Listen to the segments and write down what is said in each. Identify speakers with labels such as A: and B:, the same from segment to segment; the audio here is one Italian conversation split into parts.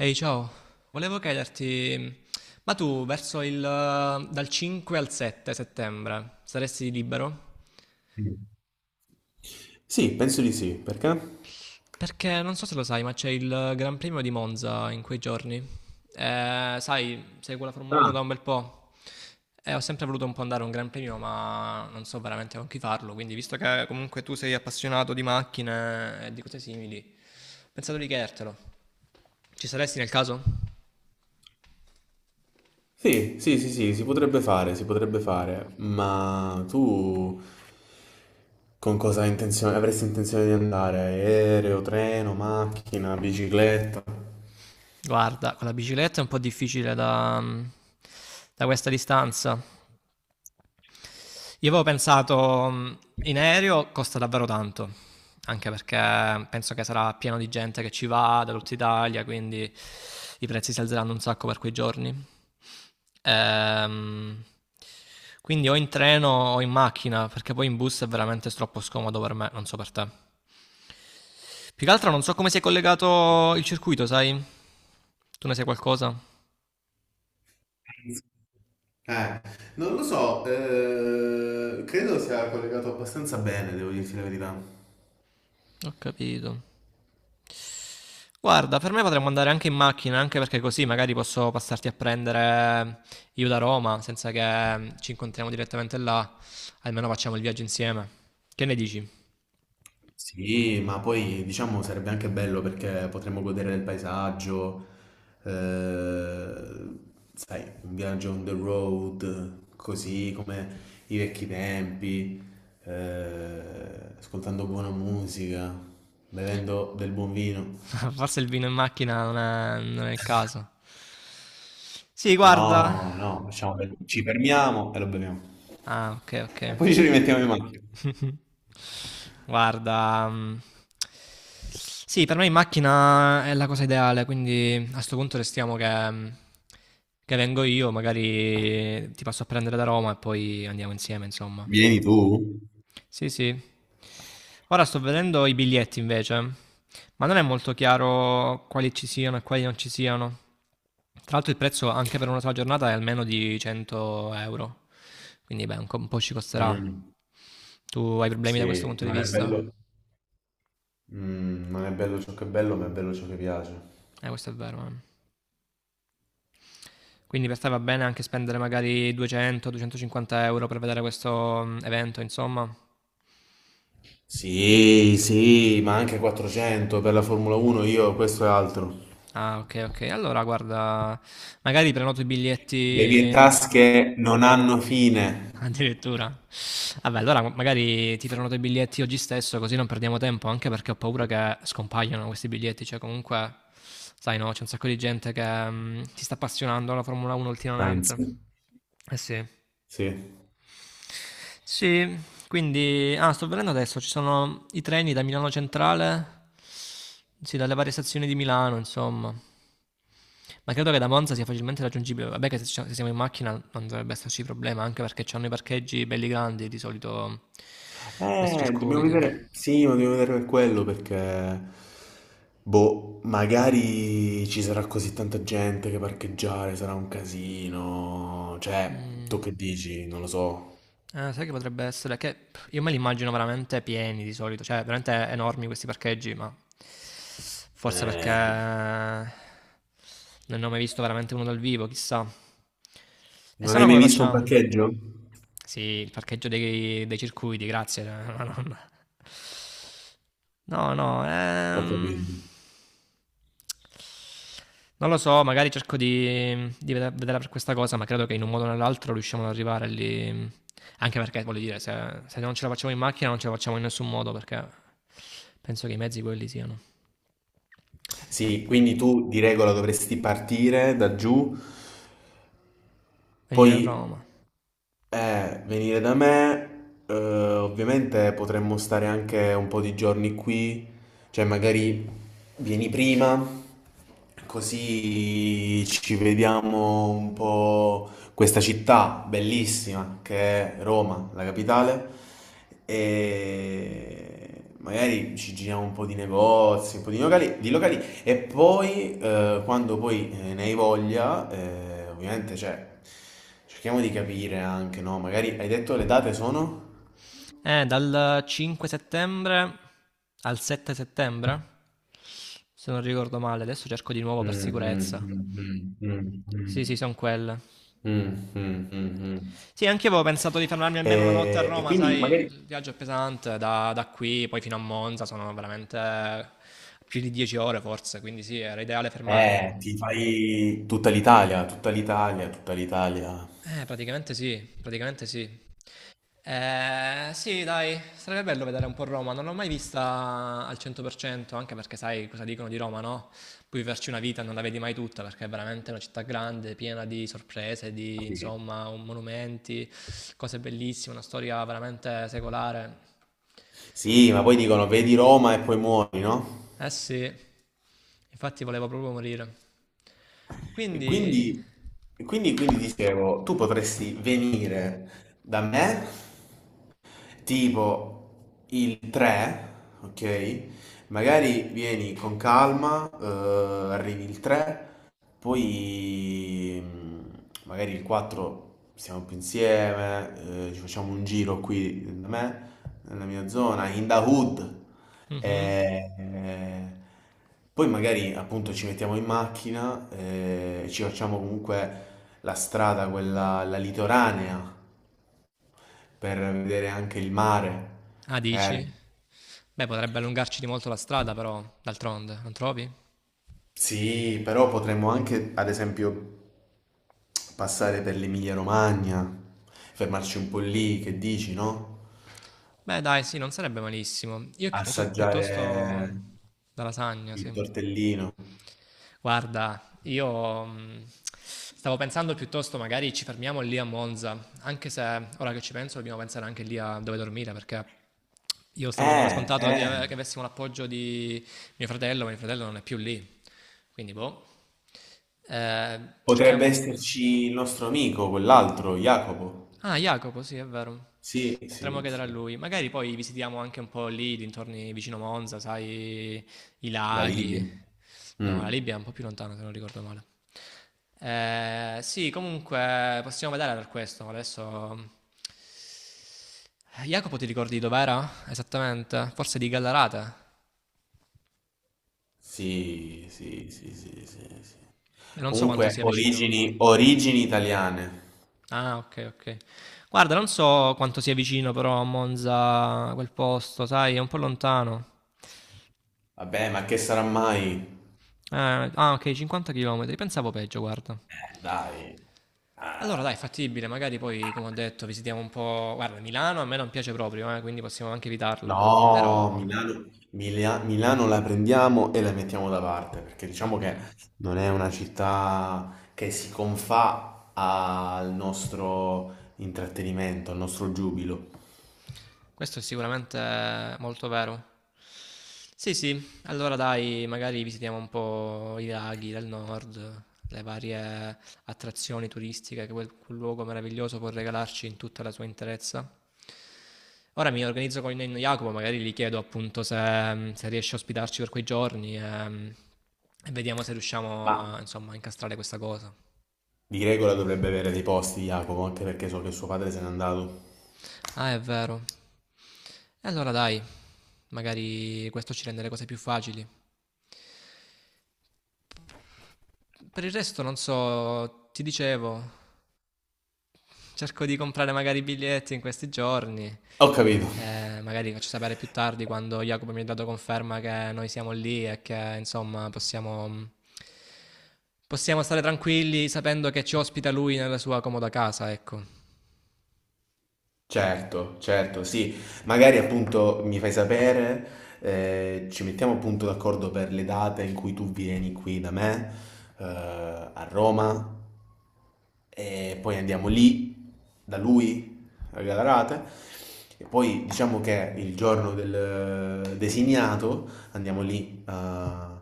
A: Ehi, ciao. Volevo chiederti, ma tu verso dal 5 al 7 settembre saresti libero?
B: Mm. Sì, penso di sì, perché?
A: Perché non so se lo sai, ma c'è il Gran Premio di Monza in quei giorni. Sai, seguo la Formula 1
B: Ah,
A: da un bel po' e ho sempre voluto un po' andare a un Gran Premio, ma non so veramente con chi farlo. Quindi, visto che comunque tu sei appassionato di macchine e di cose simili, ho pensato di chiedertelo. Ci saresti nel caso?
B: sì, sì, sì, sì, si potrebbe fare, ma tu con cosa hai avresti intenzione di andare? Aereo, treno, macchina, bicicletta?
A: Guarda, con la bicicletta è un po' difficile da questa distanza. Io avevo pensato in aereo costa davvero tanto, anche perché penso che sarà pieno di gente che ci va da tutta Italia, quindi i prezzi si alzeranno un sacco per quei giorni. Ehm, quindi o in treno o in macchina, perché poi in bus è veramente troppo scomodo per me, non so per te. Più che altro non so come si è collegato il circuito, sai? Tu ne sai qualcosa?
B: Eh, non lo so, credo sia collegato abbastanza bene, devo dirti la verità.
A: Ho capito. Guarda, per me potremmo andare anche in macchina, anche perché così magari posso passarti a prendere io da Roma, senza che ci incontriamo direttamente là, almeno facciamo il viaggio insieme. Che ne dici?
B: Sì, ma poi diciamo sarebbe anche bello perché potremmo godere del paesaggio, eh, sai, un viaggio on the road, così come i vecchi tempi, ascoltando buona musica, bevendo del buon vino.
A: Forse il vino in macchina non è il caso. Sì, guarda.
B: No, no, ci fermiamo e lo beviamo.
A: Ah, ok, ok.
B: E poi ci rimettiamo in macchina.
A: Guarda, sì, per me in macchina è la cosa ideale, quindi a sto punto restiamo che che vengo io, magari ti passo a prendere da Roma e poi andiamo insieme, insomma.
B: Vieni tu?
A: Sì, sì. Ora sto vedendo i biglietti invece, ma non è molto chiaro quali ci siano e quali non ci siano. Tra l'altro il prezzo anche per una sola giornata è almeno di 100 euro, quindi beh, un po' ci costerà.
B: Mm,
A: Tu hai problemi da questo
B: sì,
A: punto di
B: non è
A: vista?
B: bello. Non è bello ciò che è bello, ma è bello ciò che piace.
A: Questo è vero. Quindi per te va bene anche spendere magari 200-250 euro per vedere questo evento, insomma.
B: Sì, sì, ma anche 400 per la Formula 1, io questo e altro.
A: Ah, ok, ok. Allora, guarda, magari prenoto i
B: Le mie
A: biglietti.
B: tasche non hanno fine.
A: Addirittura? Vabbè, allora magari ti prenoto i biglietti oggi stesso, così non perdiamo tempo, anche perché ho paura che scompaiano questi biglietti, cioè comunque, sai no, c'è un sacco di gente che si sta appassionando alla Formula 1
B: Sainz.
A: ultimamente. Eh sì.
B: Sì.
A: Sì, quindi. Ah, sto vedendo adesso, ci sono i treni da Milano Centrale, sì, dalle varie stazioni di Milano, insomma. Ma credo che da Monza sia facilmente raggiungibile. Vabbè che se siamo in macchina non dovrebbe esserci problema, anche perché c'hanno i parcheggi belli grandi di solito questi
B: Dobbiamo
A: circuiti.
B: vedere. Sì, ma dobbiamo vedere per quello perché. Boh, magari ci sarà così tanta gente che parcheggiare sarà un casino. Cioè, tu
A: Mm.
B: che dici? Non lo so.
A: Sai che potrebbe essere? Che io me li immagino veramente pieni di solito, cioè veramente enormi questi parcheggi, ma forse perché
B: Eh,
A: non ne ho mai visto veramente uno dal vivo, chissà. E
B: non
A: se no
B: hai mai
A: come
B: visto un
A: facciamo?
B: parcheggio?
A: Sì, il parcheggio dei circuiti, grazie, ma non, No, no,
B: Ho
A: ehm...
B: capito.
A: Non lo so, magari cerco di vederla per questa cosa, ma credo che in un modo o nell'altro riusciamo ad arrivare lì. Anche perché, voglio dire, se non ce la facciamo in macchina non ce la facciamo in nessun modo, perché penso che i mezzi quelli siano.
B: Sì, quindi tu di regola dovresti partire da giù,
A: Venire a
B: poi
A: Roma.
B: venire da me, ovviamente potremmo stare anche un po' di giorni qui, cioè magari vieni prima, così ci vediamo un po' questa città bellissima che è Roma, la capitale, e magari ci giriamo un po' di negozi, un po' di locali e poi, quando poi ne hai voglia, ovviamente, cioè, cerchiamo di capire anche, no? Magari hai detto le date sono?
A: Dal 5 settembre al 7 settembre, se non ricordo male, adesso cerco di nuovo
B: Mm,
A: per sicurezza.
B: mm, mm, mm,
A: Sì, sì,
B: mm,
A: sono quelle.
B: mm, mm, mm, mm.
A: Sì, anche io avevo pensato di fermarmi almeno una notte a
B: E
A: Roma,
B: quindi
A: sai,
B: magari
A: il viaggio è pesante da qui poi fino a Monza, sono veramente più di 10 ore forse, quindi sì, era ideale fermarmi.
B: ti fai tutta l'Italia, tutta l'Italia, tutta l'Italia.
A: Praticamente sì, praticamente sì. Sì, dai, sarebbe bello vedere un po' Roma, non l'ho mai vista al 100%, anche perché sai cosa dicono di Roma, no? Puoi viverci una vita e non la vedi mai tutta, perché è veramente una città grande, piena di sorprese, di
B: Sì.
A: insomma monumenti, cose bellissime, una storia veramente secolare.
B: Sì, ma poi dicono vedi Roma e poi muori, no?
A: Eh sì, infatti voleva proprio morire.
B: E
A: Quindi.
B: quindi, quindi dicevo, tu potresti venire da me tipo il 3, ok? Magari vieni con calma, arrivi il 3, poi magari il 4 stiamo più insieme, ci facciamo un giro qui da me, nella mia zona, in the hood.
A: Mhm.
B: E, eh, Poi magari appunto ci mettiamo in macchina e ci facciamo comunque la strada, quella, la litoranea, per vedere anche il mare,
A: Ah, dici?
B: magari.
A: Beh, potrebbe allungarci di molto la strada, però, d'altronde, non trovi?
B: Sì, però potremmo anche, ad esempio, passare per l'Emilia-Romagna, fermarci un po' lì, che dici, no?
A: Beh, dai, sì, non sarebbe malissimo. Io piuttosto,
B: Assaggiare
A: piuttosto la lasagna, sì.
B: il tortellino.
A: Guarda, io stavo pensando piuttosto magari ci fermiamo lì a Monza, anche se ora che ci penso dobbiamo pensare anche lì a dove dormire, perché io stavo dando per
B: Eh,
A: scontato di
B: eh,
A: che avessimo l'appoggio di mio fratello, ma mio fratello non è più lì. Quindi, boh. Eh,
B: Potrebbe
A: Cerchiamo.
B: esserci il nostro amico, quell'altro, Jacopo.
A: Ah, Jacopo, sì, è vero.
B: Sì,
A: Potremmo
B: sì,
A: chiedere a
B: sì.
A: lui. Magari poi visitiamo anche un po' lì, dintorni vicino Monza, sai, i
B: La
A: laghi.
B: Libia.
A: No, la
B: Mm.
A: Libia è un po' più lontana, se non ricordo male. Sì, comunque possiamo vedere per questo. Adesso. Jacopo, ti ricordi dov'era? Esattamente? Forse di Gallarate?
B: Sì, sì, sì, sì, sì, sì.
A: Non so quanto
B: Comunque,
A: sia vicino.
B: origini, origini italiane.
A: Ah, ok, ok. Guarda, non so quanto sia vicino però a Monza quel posto, sai, è un po' lontano.
B: Vabbè, ma che sarà mai?
A: Ah, ok, 50 km. Pensavo peggio, guarda.
B: Dai.
A: Allora,
B: Ah.
A: dai, fattibile, magari poi, come ho detto, visitiamo un po'. Guarda, Milano a me non piace proprio, quindi possiamo anche evitarla.
B: No,
A: Però,
B: Milano, Milano la prendiamo e la mettiamo da parte, perché diciamo
A: ok.
B: che non è una città che si confà al nostro intrattenimento, al nostro giubilo.
A: Questo è sicuramente molto vero. Sì, sì, allora dai, magari visitiamo un po' i laghi del nord, le varie attrazioni turistiche che quel luogo meraviglioso può regalarci in tutta la sua interezza. Ora mi organizzo con il nonno Jacopo, magari gli chiedo appunto se riesce a ospitarci per quei giorni e vediamo se riusciamo
B: Ma
A: a, insomma, a incastrare questa cosa.
B: di regola dovrebbe avere dei posti, Jacopo, anche perché so che suo padre se n'è andato.
A: Ah, è vero. E allora dai, magari questo ci rende le cose più facili. Per il resto non so, ti dicevo, cerco di comprare magari i biglietti in questi giorni.
B: Ho capito.
A: Magari faccio sapere più tardi quando Jacopo mi ha dato conferma che noi siamo lì e che insomma possiamo stare tranquilli sapendo che ci ospita lui nella sua comoda casa, ecco,
B: Certo, certo, sì. Magari appunto mi fai sapere, ci mettiamo appunto d'accordo per le date in cui tu vieni qui da me, a Roma, e poi andiamo lì, da lui, a Galarate, e poi diciamo che il giorno del designato andiamo lì a,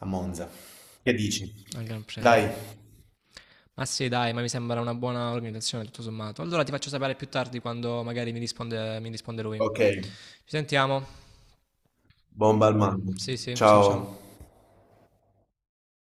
B: a Monza. Che dici?
A: al Gran Premio.
B: Dai,
A: Ma sì, dai, ma mi sembra una buona organizzazione tutto sommato. Allora ti faccio sapere più tardi quando magari mi risponde lui.
B: ok,
A: Ci sentiamo.
B: bomba al mare.
A: Sì, sì, ciao
B: Ciao.
A: ciao.